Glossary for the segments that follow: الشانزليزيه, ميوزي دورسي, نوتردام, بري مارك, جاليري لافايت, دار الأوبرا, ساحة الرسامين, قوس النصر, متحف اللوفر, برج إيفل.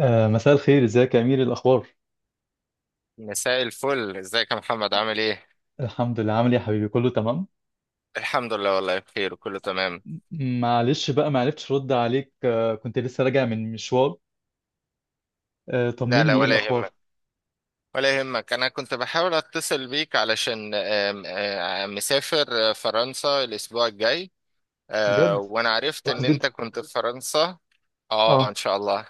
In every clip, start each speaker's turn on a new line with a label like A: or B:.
A: مساء الخير، ازيك يا امير؟ الاخبار؟
B: مساء الفل، ازيك يا محمد؟ عامل ايه؟
A: الحمد لله، عامل ايه يا حبيبي؟ كله تمام.
B: الحمد لله، والله بخير وكله تمام.
A: معلش بقى، ما عرفتش ارد عليك، كنت لسه راجع من مشوار.
B: لا لا
A: طمني، ايه
B: ولا
A: الاخبار؟
B: يهمك. ولا يهمك، انا كنت بحاول اتصل بيك علشان آم، آم، مسافر فرنسا الاسبوع الجاي.
A: بجد؟
B: وانا عرفت
A: كويس
B: ان
A: جدا.
B: انت كنت في فرنسا. اه ان
A: اه،
B: شاء الله.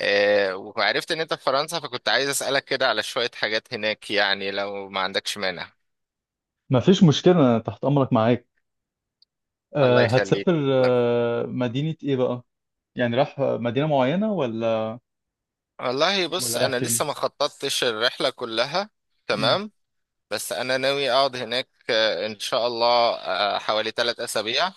B: وعرفت ان انت في فرنسا، فكنت عايز اسالك كده على شوية حاجات هناك يعني لو ما عندكش مانع.
A: ما فيش مشكله، أنا تحت امرك معاك.
B: الله يخليك.
A: هتسافر مدينه ايه بقى؟ يعني رايح مدينه معينه ولا؟
B: والله
A: ولا
B: بص،
A: رايح
B: انا
A: فين؟
B: لسه ما خططتش الرحلة كلها.
A: مم.
B: تمام. بس انا ناوي اقعد هناك ان شاء الله حوالي 3 اسابيع.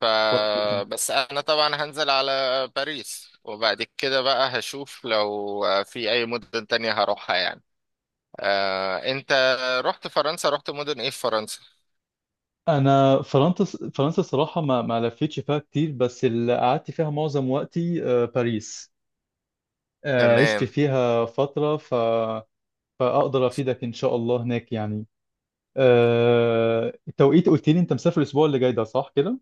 B: ف
A: كويس جدا.
B: بس انا طبعا هنزل على باريس، وبعد كده بقى هشوف لو في اي مدن تانية هروحها يعني. انت رحت فرنسا، رحت مدن ايه في فرنسا؟
A: انا فرنسا، فرنسا الصراحه ما لفيتش فيها كتير، بس اللي قعدت فيها معظم وقتي باريس. عشت
B: تمام.
A: فيها فترة. فأقدر أفيدك إن شاء الله هناك يعني. التوقيت، قلت لي أنت مسافر الأسبوع اللي جاي ده، صح كده؟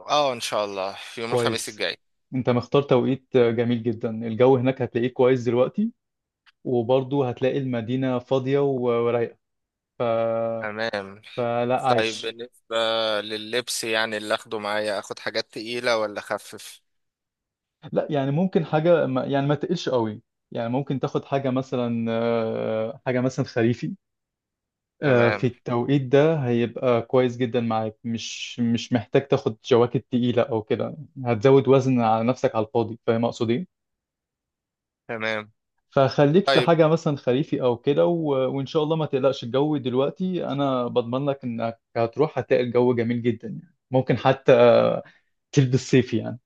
B: اه ان شاء الله يوم الخميس
A: كويس.
B: الجاي.
A: أنت مختار توقيت جميل جدا. الجو هناك هتلاقيه كويس دلوقتي، وبرضه هتلاقي المدينة فاضية و- ورايقة. ف...
B: تمام.
A: فلا
B: طيب
A: عايش.
B: بالنسبة لللبس، يعني اللي اخده معايا، اخد حاجات تقيلة ولا اخفف؟
A: لا، يعني ممكن حاجة يعني ما تقلش قوي. يعني ممكن تاخد حاجة مثلا خريفي. في
B: تمام.
A: التوقيت ده هيبقى كويس جدا معاك، مش محتاج تاخد جواكت تقيلة أو كده. هتزود وزن على نفسك على الفاضي. فاهم أقصد إيه؟
B: تمام.
A: فخليك في
B: طيب
A: حاجة مثلا خريفي أو كده، وإن شاء الله ما تقلقش. الجو دلوقتي أنا بضمن لك إنك هتروح هتلاقي الجو جميل جدا، يعني ممكن حتى تلبس صيفي يعني.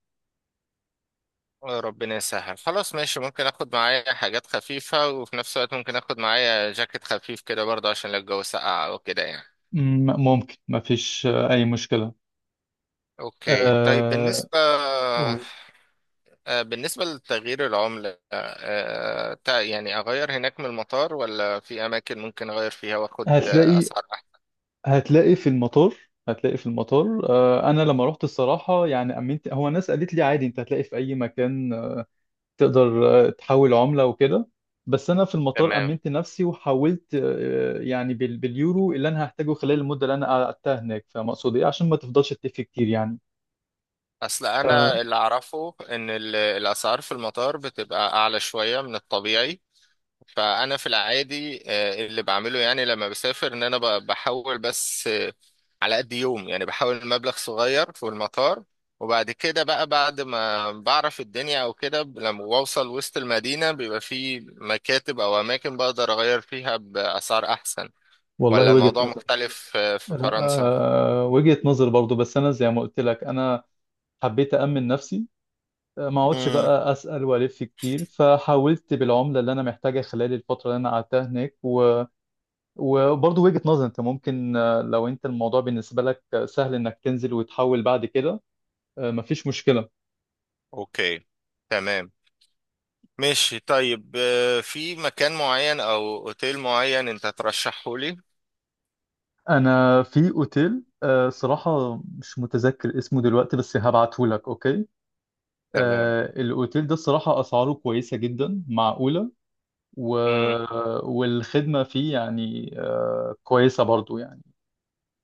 B: ربنا يسهل. خلاص ماشي، ممكن اخد معايا حاجات خفيفة وفي نفس الوقت ممكن اخد معايا جاكيت خفيف كده برضه عشان لو الجو سقع او كده يعني.
A: ممكن، ما فيش أي مشكلة.
B: اوكي. طيب
A: أه...
B: بالنسبة
A: قول.
B: آه، بالنسبة لتغيير العملة، يعني اغير هناك من المطار، ولا في اماكن ممكن اغير فيها واخد
A: هتلاقي
B: اسعار احسن؟
A: هتلاقي في المطار، هتلاقي في المطار. انا لما رحت الصراحه يعني امنت، هو الناس قالت لي عادي انت هتلاقي في اي مكان تقدر تحول عمله وكده. بس انا في المطار
B: تمام.
A: امنت نفسي وحولت يعني باليورو اللي انا هحتاجه خلال المده اللي انا قعدتها هناك. فاهم اقصد ايه؟ عشان ما تفضلش تلف كتير يعني.
B: اصل
A: ف-
B: انا اللي اعرفه ان الاسعار في المطار بتبقى اعلى شوية من الطبيعي. فانا في العادي اللي بعمله يعني لما بسافر ان انا بحول بس على قد يوم، يعني بحول مبلغ صغير في المطار، وبعد كده بقى بعد ما بعرف الدنيا او كده لما بوصل وسط المدينة بيبقى في مكاتب او اماكن بقدر اغير فيها باسعار احسن.
A: والله
B: ولا
A: وجهه
B: الموضوع
A: نظر.
B: مختلف في
A: لا،
B: فرنسا؟
A: وجهه نظر برضو، بس انا زي ما قلت لك انا حبيت امن نفسي، ما اقعدش
B: امم.
A: بقى اسال والف كتير. فحاولت بالعمله اللي انا محتاجها خلال الفتره اللي انا قعدتها هناك. وبرضه وجهه نظر، انت ممكن لو انت الموضوع بالنسبه لك سهل انك تنزل وتحول بعد كده مفيش مشكله.
B: اوكي. تمام. ماشي. طيب في مكان معين او اوتيل معين انت ترشحه لي؟
A: انا في اوتيل صراحه مش متذكر اسمه دلوقتي، بس هبعته لك. اوكي.
B: تمام.
A: الاوتيل ده الصراحه اسعاره كويسه جدا، معقوله. و...
B: امم.
A: والخدمه فيه يعني كويسه برضه يعني.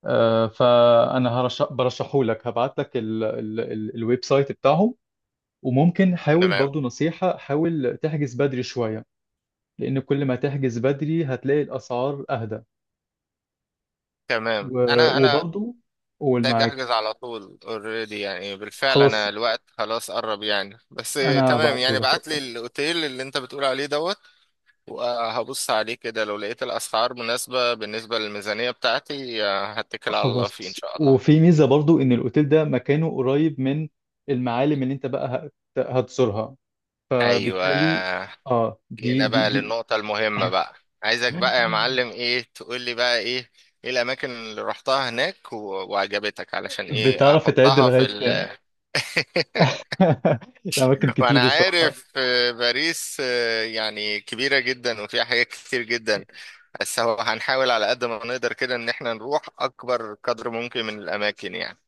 A: فانا برشحه لك، هبعت لك الويب سايت بتاعهم. وممكن حاول
B: تمام.
A: برضو، نصيحة حاول تحجز بدري شوية، لان كل ما تحجز بدري هتلاقي الاسعار اهدى.
B: تمام.
A: و-
B: انا
A: وبرضو قول،
B: محتاج احجز
A: معاك.
B: على طول اوريدي، يعني بالفعل
A: خلاص،
B: انا الوقت خلاص قرب يعني، بس
A: انا
B: تمام
A: هبعته
B: يعني
A: لك.
B: بعت لي
A: اوكي.
B: الاوتيل اللي انت بتقول عليه دوت، وهبص عليه كده. لو لقيت الاسعار مناسبة بالنسبة للميزانية بتاعتي هتكل على الله فيه ان
A: خلاص،
B: شاء الله.
A: وفي ميزة برضو ان الاوتيل ده مكانه قريب من المعالم اللي انت بقى هتزورها،
B: ايوه.
A: فبالتالي اه، دي
B: جينا
A: دي
B: بقى
A: دي
B: للنقطة المهمة بقى. عايزك بقى يا معلم، ايه تقول لي بقى؟ ايه ايه الاماكن اللي رحتها هناك وعجبتك علشان ايه
A: بتعرف تعد
B: احطها في
A: لغاية؟
B: ال
A: أماكن
B: فأنا
A: كتير الصراحة.
B: عارف باريس يعني كبيرة جدا وفيها حاجات كتير جدا، بس هو هنحاول على قد ما نقدر كده إن احنا نروح أكبر قدر ممكن من الأماكن يعني.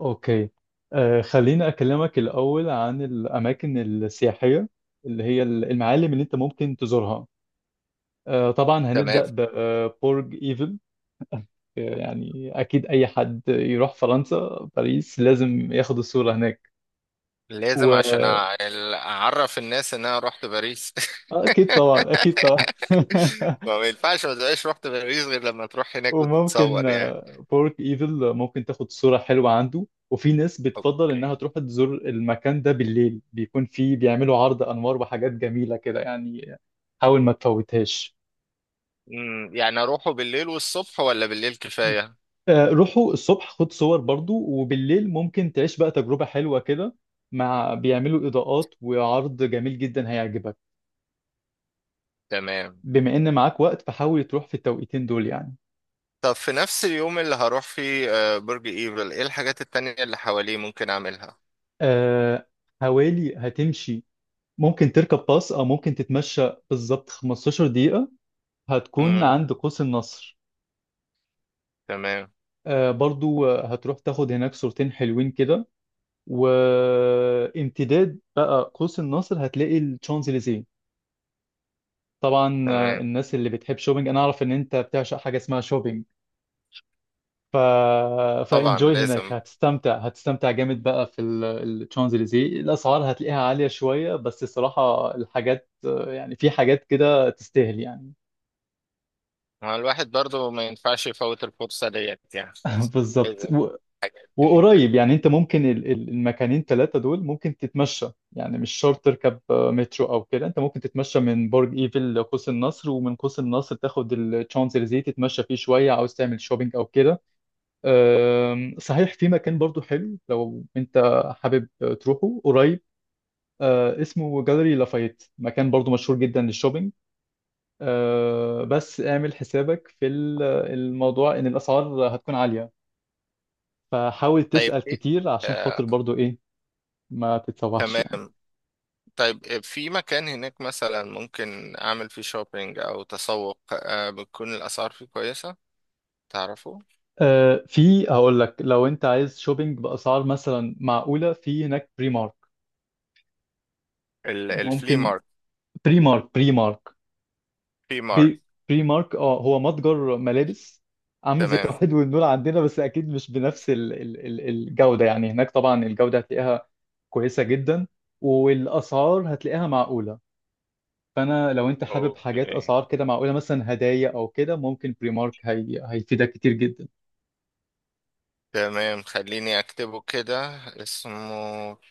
A: أوكي. خليني أكلمك الأول عن الأماكن السياحية، اللي هي المعالم اللي أنت ممكن تزورها. طبعا
B: تمام.
A: هنبدأ ببرج إيفل. يعني أكيد أي حد يروح فرنسا، باريس لازم ياخد الصورة هناك. و...
B: لازم عشان
A: آه،
B: أعرف الناس إن أنا رحت باريس.
A: أكيد طبعا، أكيد طبعا.
B: فما ينفعش ما تبقاش رحت باريس غير لما تروح هناك
A: وممكن
B: وتتصور يعني.
A: بارك ايفل ممكن تاخد صورة حلوة عنده. وفي ناس بتفضل انها
B: أوكي.
A: تروح تزور المكان ده بالليل، بيكون فيه بيعملوا عرض انوار وحاجات جميلة كده يعني. حاول ما تفوتهاش.
B: أمم، يعني أروحه بالليل والصبح ولا بالليل كفاية؟
A: روحوا الصبح خد صور برضو، وبالليل ممكن تعيش بقى تجربة حلوة كده، مع بيعملوا اضاءات وعرض جميل جدا هيعجبك.
B: تمام.
A: بما ان معاك وقت فحاول تروح في التوقيتين دول يعني.
B: طب في نفس اليوم اللي هروح فيه برج ايفل، ايه الحاجات التانية اللي حواليه ممكن اعملها؟
A: آه، حوالي هتمشي، ممكن تركب باص او ممكن تتمشى بالظبط 15 دقيقة، هتكون
B: امم.
A: عند قوس النصر.
B: تمام.
A: برضو هتروح تاخد هناك صورتين حلوين كده. وامتداد بقى قوس النصر هتلاقي الشانزليزيه. طبعا
B: تمام.
A: الناس اللي بتحب شوبينج، انا اعرف ان انت بتعشق حاجه اسمها شوبينج. ف
B: طبعا
A: فانجوي هناك،
B: لازم.
A: هتستمتع، هتستمتع جامد بقى في الشانزليزيه. الاسعار هتلاقيها عاليه شويه، بس الصراحه الحاجات يعني في حاجات كده تستاهل يعني.
B: ما الواحد برضو ما ينفعش يفوت الفرصة ديت يعني.
A: بالظبط.
B: لازم. هناك.
A: وقريب، يعني انت ممكن المكانين ثلاثة دول ممكن تتمشى، يعني مش شرط تركب مترو او كده. انت ممكن تتمشى من برج ايفل لقوس النصر، ومن قوس النصر تاخد الشانزليزيه تتمشى فيه شوية، عاوز تعمل شوبينج او كده. صحيح في مكان برضو حلو لو انت حابب تروحه قريب، اسمه جاليري لافايت، مكان برضو مشهور جدا للشوبينج. بس اعمل حسابك في الموضوع ان الاسعار هتكون عالية. فحاول
B: طيب
A: تسأل
B: ايه
A: كتير عشان
B: آه،
A: خاطر برضو ايه ما تتسوحش يعني.
B: تمام. طيب في مكان هناك مثلا ممكن اعمل فيه شوبينج او تسوق بتكون الاسعار فيه كويسة؟ تعرفوا
A: في، هقول لك لو انت عايز شوبينج باسعار مثلا معقوله، في هناك بري مارك.
B: الفلي
A: ممكن،
B: مارك؟
A: بري مارك،
B: في مارك.
A: بي- بري مارك، اه، هو متجر ملابس، عامل زي
B: تمام.
A: توحيد والنور عندنا، بس اكيد مش بنفس ال ال ال الجوده. يعني هناك طبعا الجوده هتلاقيها كويسه جدا، والاسعار هتلاقيها معقوله. فانا لو انت حابب حاجات
B: اوكي.
A: اسعار كده معقوله مثلا هدايا او كده، ممكن بري مارك هي هيفيدك كتير جدا.
B: تمام. خليني اكتبه كده، اسمه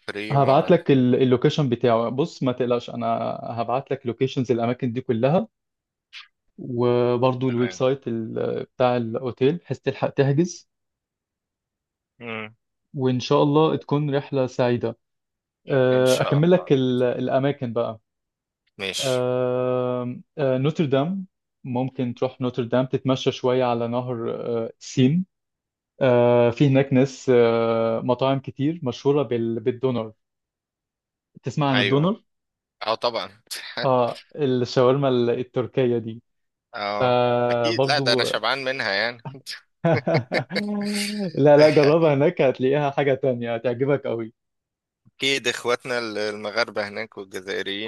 B: بريمو.
A: هبعت لك اللوكيشن بتاعه. بص، ما تقلقش، انا هبعت لك لوكيشنز الاماكن دي كلها، وبرضو الويب
B: تمام.
A: سايت بتاع الاوتيل، بحيث تلحق تحجز.
B: مم.
A: وان شاء الله تكون رحلة سعيدة.
B: ان شاء
A: اكمل
B: الله
A: لك
B: بإذن الله.
A: الاماكن بقى.
B: ماشي.
A: أه، أه، نوتردام، ممكن تروح نوتردام تتمشى شوية على نهر سين. في هناك ناس أه، مطاعم كتير مشهورة بالدونر. تسمع عن
B: ايوه.
A: الدونر؟
B: اه طبعا.
A: اه، الشاورما التركية دي.
B: اه اكيد، لا ده انا
A: فبرضو.
B: شبعان منها يعني.
A: لا، لا، جربها هناك هتلاقيها حاجة تانية هتعجبك قوي.
B: اكيد اخواتنا المغاربه هناك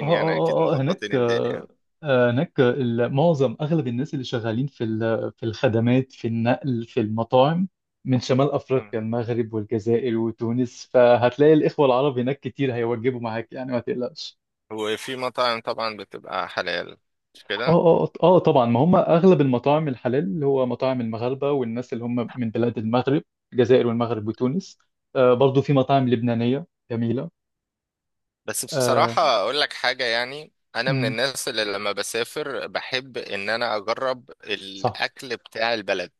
B: يعني اكيد
A: هناك
B: مظبطين الدنيا.
A: هناك معظم اغلب الناس اللي شغالين في في الخدمات، في النقل، في المطاعم، من شمال
B: مم.
A: افريقيا، المغرب والجزائر وتونس. فهتلاقي الاخوة العرب هناك كتير، هيوجبوا معاك يعني، ما تقلقش.
B: وفي مطاعم طبعا بتبقى حلال، مش
A: اه
B: كده؟
A: طبعا، ما هم اغلب المطاعم الحلال اللي هو مطاعم المغاربه والناس اللي هم من بلاد المغرب، الجزائر والمغرب وتونس. برضو في مطاعم لبنانيه جميله.
B: بس
A: آه
B: بصراحة أقول لك حاجة، يعني أنا من
A: امم
B: الناس اللي لما بسافر بحب إن أنا أجرب
A: صح،
B: الأكل بتاع البلد.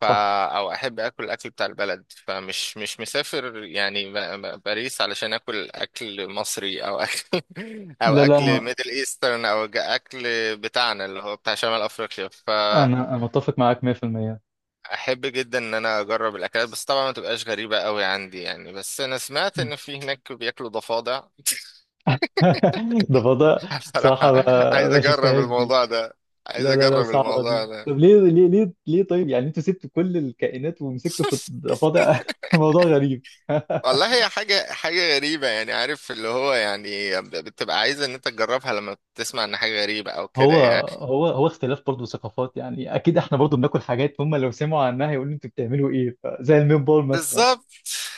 B: فا
A: صح.
B: أو أحب أكل الأكل بتاع البلد، فمش مش مسافر يعني باريس علشان أكل أكل مصري أو أكل أو
A: لا، لا،
B: أكل
A: انا
B: ميدل إيسترن أو أكل بتاعنا اللي هو بتاع شمال أفريقيا. فأحب
A: انا أنا متفق معاك 100%.
B: جدا إن أنا أجرب الأكلات، بس طبعا ما تبقاش غريبة أوي عندي يعني. بس أنا سمعت
A: مم.
B: إن في هناك بياكلوا ضفادع.
A: ده فضاء صراحه.
B: بصراحة
A: ما,
B: عايز
A: ما
B: أجرب
A: شفتهاش دي.
B: الموضوع ده. عايز
A: لا، لا، لا،
B: أجرب
A: صعبه
B: الموضوع
A: دي.
B: ده.
A: طب ليه، ليه، ليه، ليه؟ طيب يعني انتوا سبتوا كل الكائنات ومسكتوا في الضفادع؟ موضوع غريب.
B: والله هي حاجة حاجة غريبة يعني، عارف اللي هو يعني بتبقى عايز إن أنت تجربها لما تسمع إن حاجة غريبة أو كده
A: هو
B: يعني.
A: هو اختلاف برضه ثقافات، يعني اكيد احنا برضه بناكل حاجات هم لو سمعوا عنها يقولوا انتوا بتعملوا ايه، زي الميت بول مثلا.
B: بالظبط.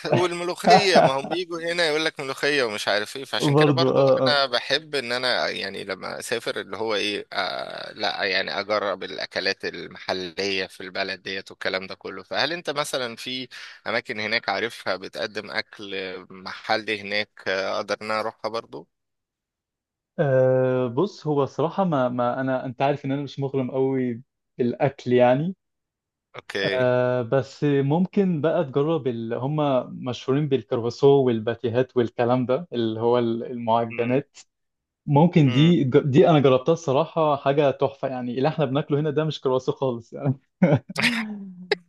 B: والملوخية، ما هم بيجوا هنا يقول لك ملوخية ومش عارف ايه، فعشان كده
A: برضه.
B: برضو انا بحب ان انا يعني لما اسافر اللي هو ايه آه لا يعني اجرب الاكلات المحلية في البلد ديت والكلام ده كله. فهل انت مثلا في اماكن هناك عارفها بتقدم اكل محلي هناك اقدر ان انا اروحها برضو؟
A: بص، هو الصراحه ما, ما انا انت عارف ان انا مش مغرم قوي بالاكل يعني.
B: اوكي.
A: بس ممكن بقى تجرب. هم مشهورين بالكرواسو والباتيهات والكلام ده اللي هو
B: امم.
A: المعجنات. ممكن،
B: امم.
A: دي انا جربتها الصراحه، حاجه تحفه. يعني اللي احنا بناكله هنا ده مش كرواسو خالص يعني.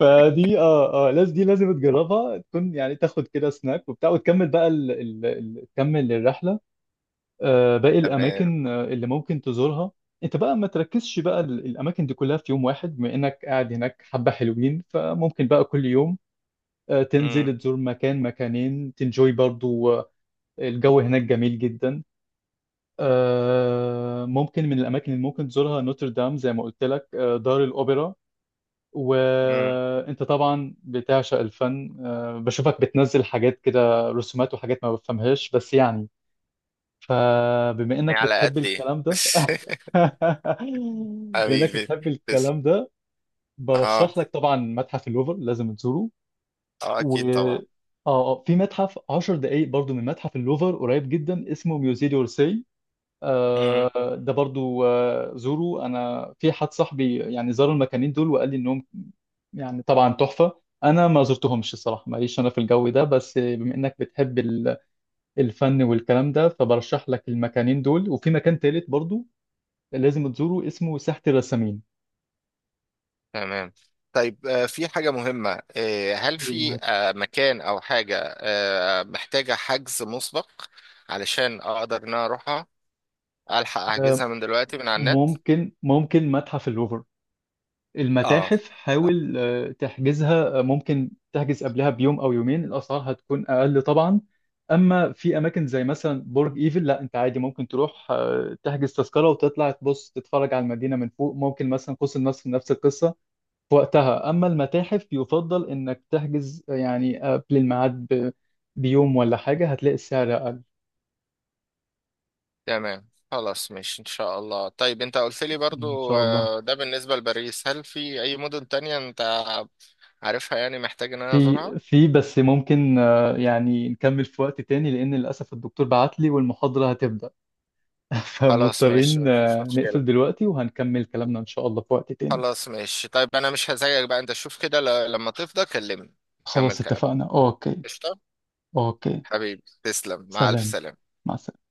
A: دي، لازم دي، لازم تجربها، تكون يعني تاخد كده سناك وبتاع، وتكمل بقى تكمل الرحله. باقي
B: تمام.
A: الاماكن اللي ممكن تزورها. انت بقى ما تركزش بقى الاماكن دي كلها في يوم واحد، بما انك قاعد هناك حبه حلوين، فممكن بقى كل يوم
B: امم.
A: تنزل تزور مكان، مكانين، تنجوي برضو. الجو هناك جميل جدا. ممكن من الاماكن اللي ممكن تزورها نوتردام زي ما قلت لك، دار الاوبرا.
B: امم.
A: وانت طبعا بتعشق الفن، بشوفك بتنزل حاجات كده رسومات وحاجات ما بفهمهاش بس يعني. فبما انك
B: على
A: بتحب
B: قد ايه
A: الكلام ده بما انك
B: حبيبي،
A: بتحب
B: تسلم.
A: الكلام ده،
B: اه.
A: برشح لك طبعا متحف اللوفر، لازم تزوره.
B: اه
A: و
B: اكيد طبعا.
A: اه في متحف 10 دقايق برضو من متحف اللوفر، قريب جدا، اسمه ميوزي دورسي.
B: مم.
A: آه، ده برضو زوره. انا في حد صاحبي يعني زار المكانين دول وقال لي انهم يعني طبعا تحفة. أنا ما زرتهمش الصراحة، ماليش أنا في الجو ده، بس بما إنك بتحب الفن والكلام ده، فبرشح لك المكانين دول. وفي مكان تالت برضو لازم تزوره، اسمه ساحة الرسامين.
B: تمام. طيب في حاجة مهمة، هل في مكان أو حاجة محتاجة حجز مسبق علشان أقدر إن أنا أروحها؟ ألحق أحجزها
A: آه،
B: من دلوقتي من على النت؟
A: ممكن متحف اللوفر،
B: اه.
A: المتاحف، حاول تحجزها. ممكن تحجز قبلها بيوم او يومين، الاسعار هتكون اقل طبعا. اما في اماكن زي مثلا برج ايفل، لا انت عادي ممكن تروح تحجز تذكره وتطلع تبص تتفرج على المدينه من فوق. ممكن مثلا قوس النصر نفس القصه في وقتها. اما المتاحف يفضل انك تحجز يعني قبل الميعاد بيوم ولا حاجه، هتلاقي السعر اقل.
B: تمام خلاص ماشي إن شاء الله. طيب أنت قلت لي
A: ان
B: برضو
A: شاء الله.
B: ده بالنسبة لباريس، هل في أي مدن تانية أنت عارفها يعني محتاج إن أنا
A: في
B: أزورها؟
A: في بس ممكن يعني نكمل في وقت تاني، لان للاسف الدكتور بعت لي والمحاضره هتبدا.
B: خلاص ماشي
A: فمضطرين
B: مفيش مشكلة.
A: نقفل دلوقتي، وهنكمل كلامنا إن شاء الله في وقت تاني.
B: خلاص ماشي، طيب أنا مش هزعجك بقى، أنت شوف كده، لما تفضى كلمني. كمل
A: خلاص
B: كلام.
A: اتفقنا. أوكي.
B: قشطة.
A: أوكي.
B: حبيبي تسلم، مع ألف
A: سلام.
B: سلامة.
A: مع السلامة.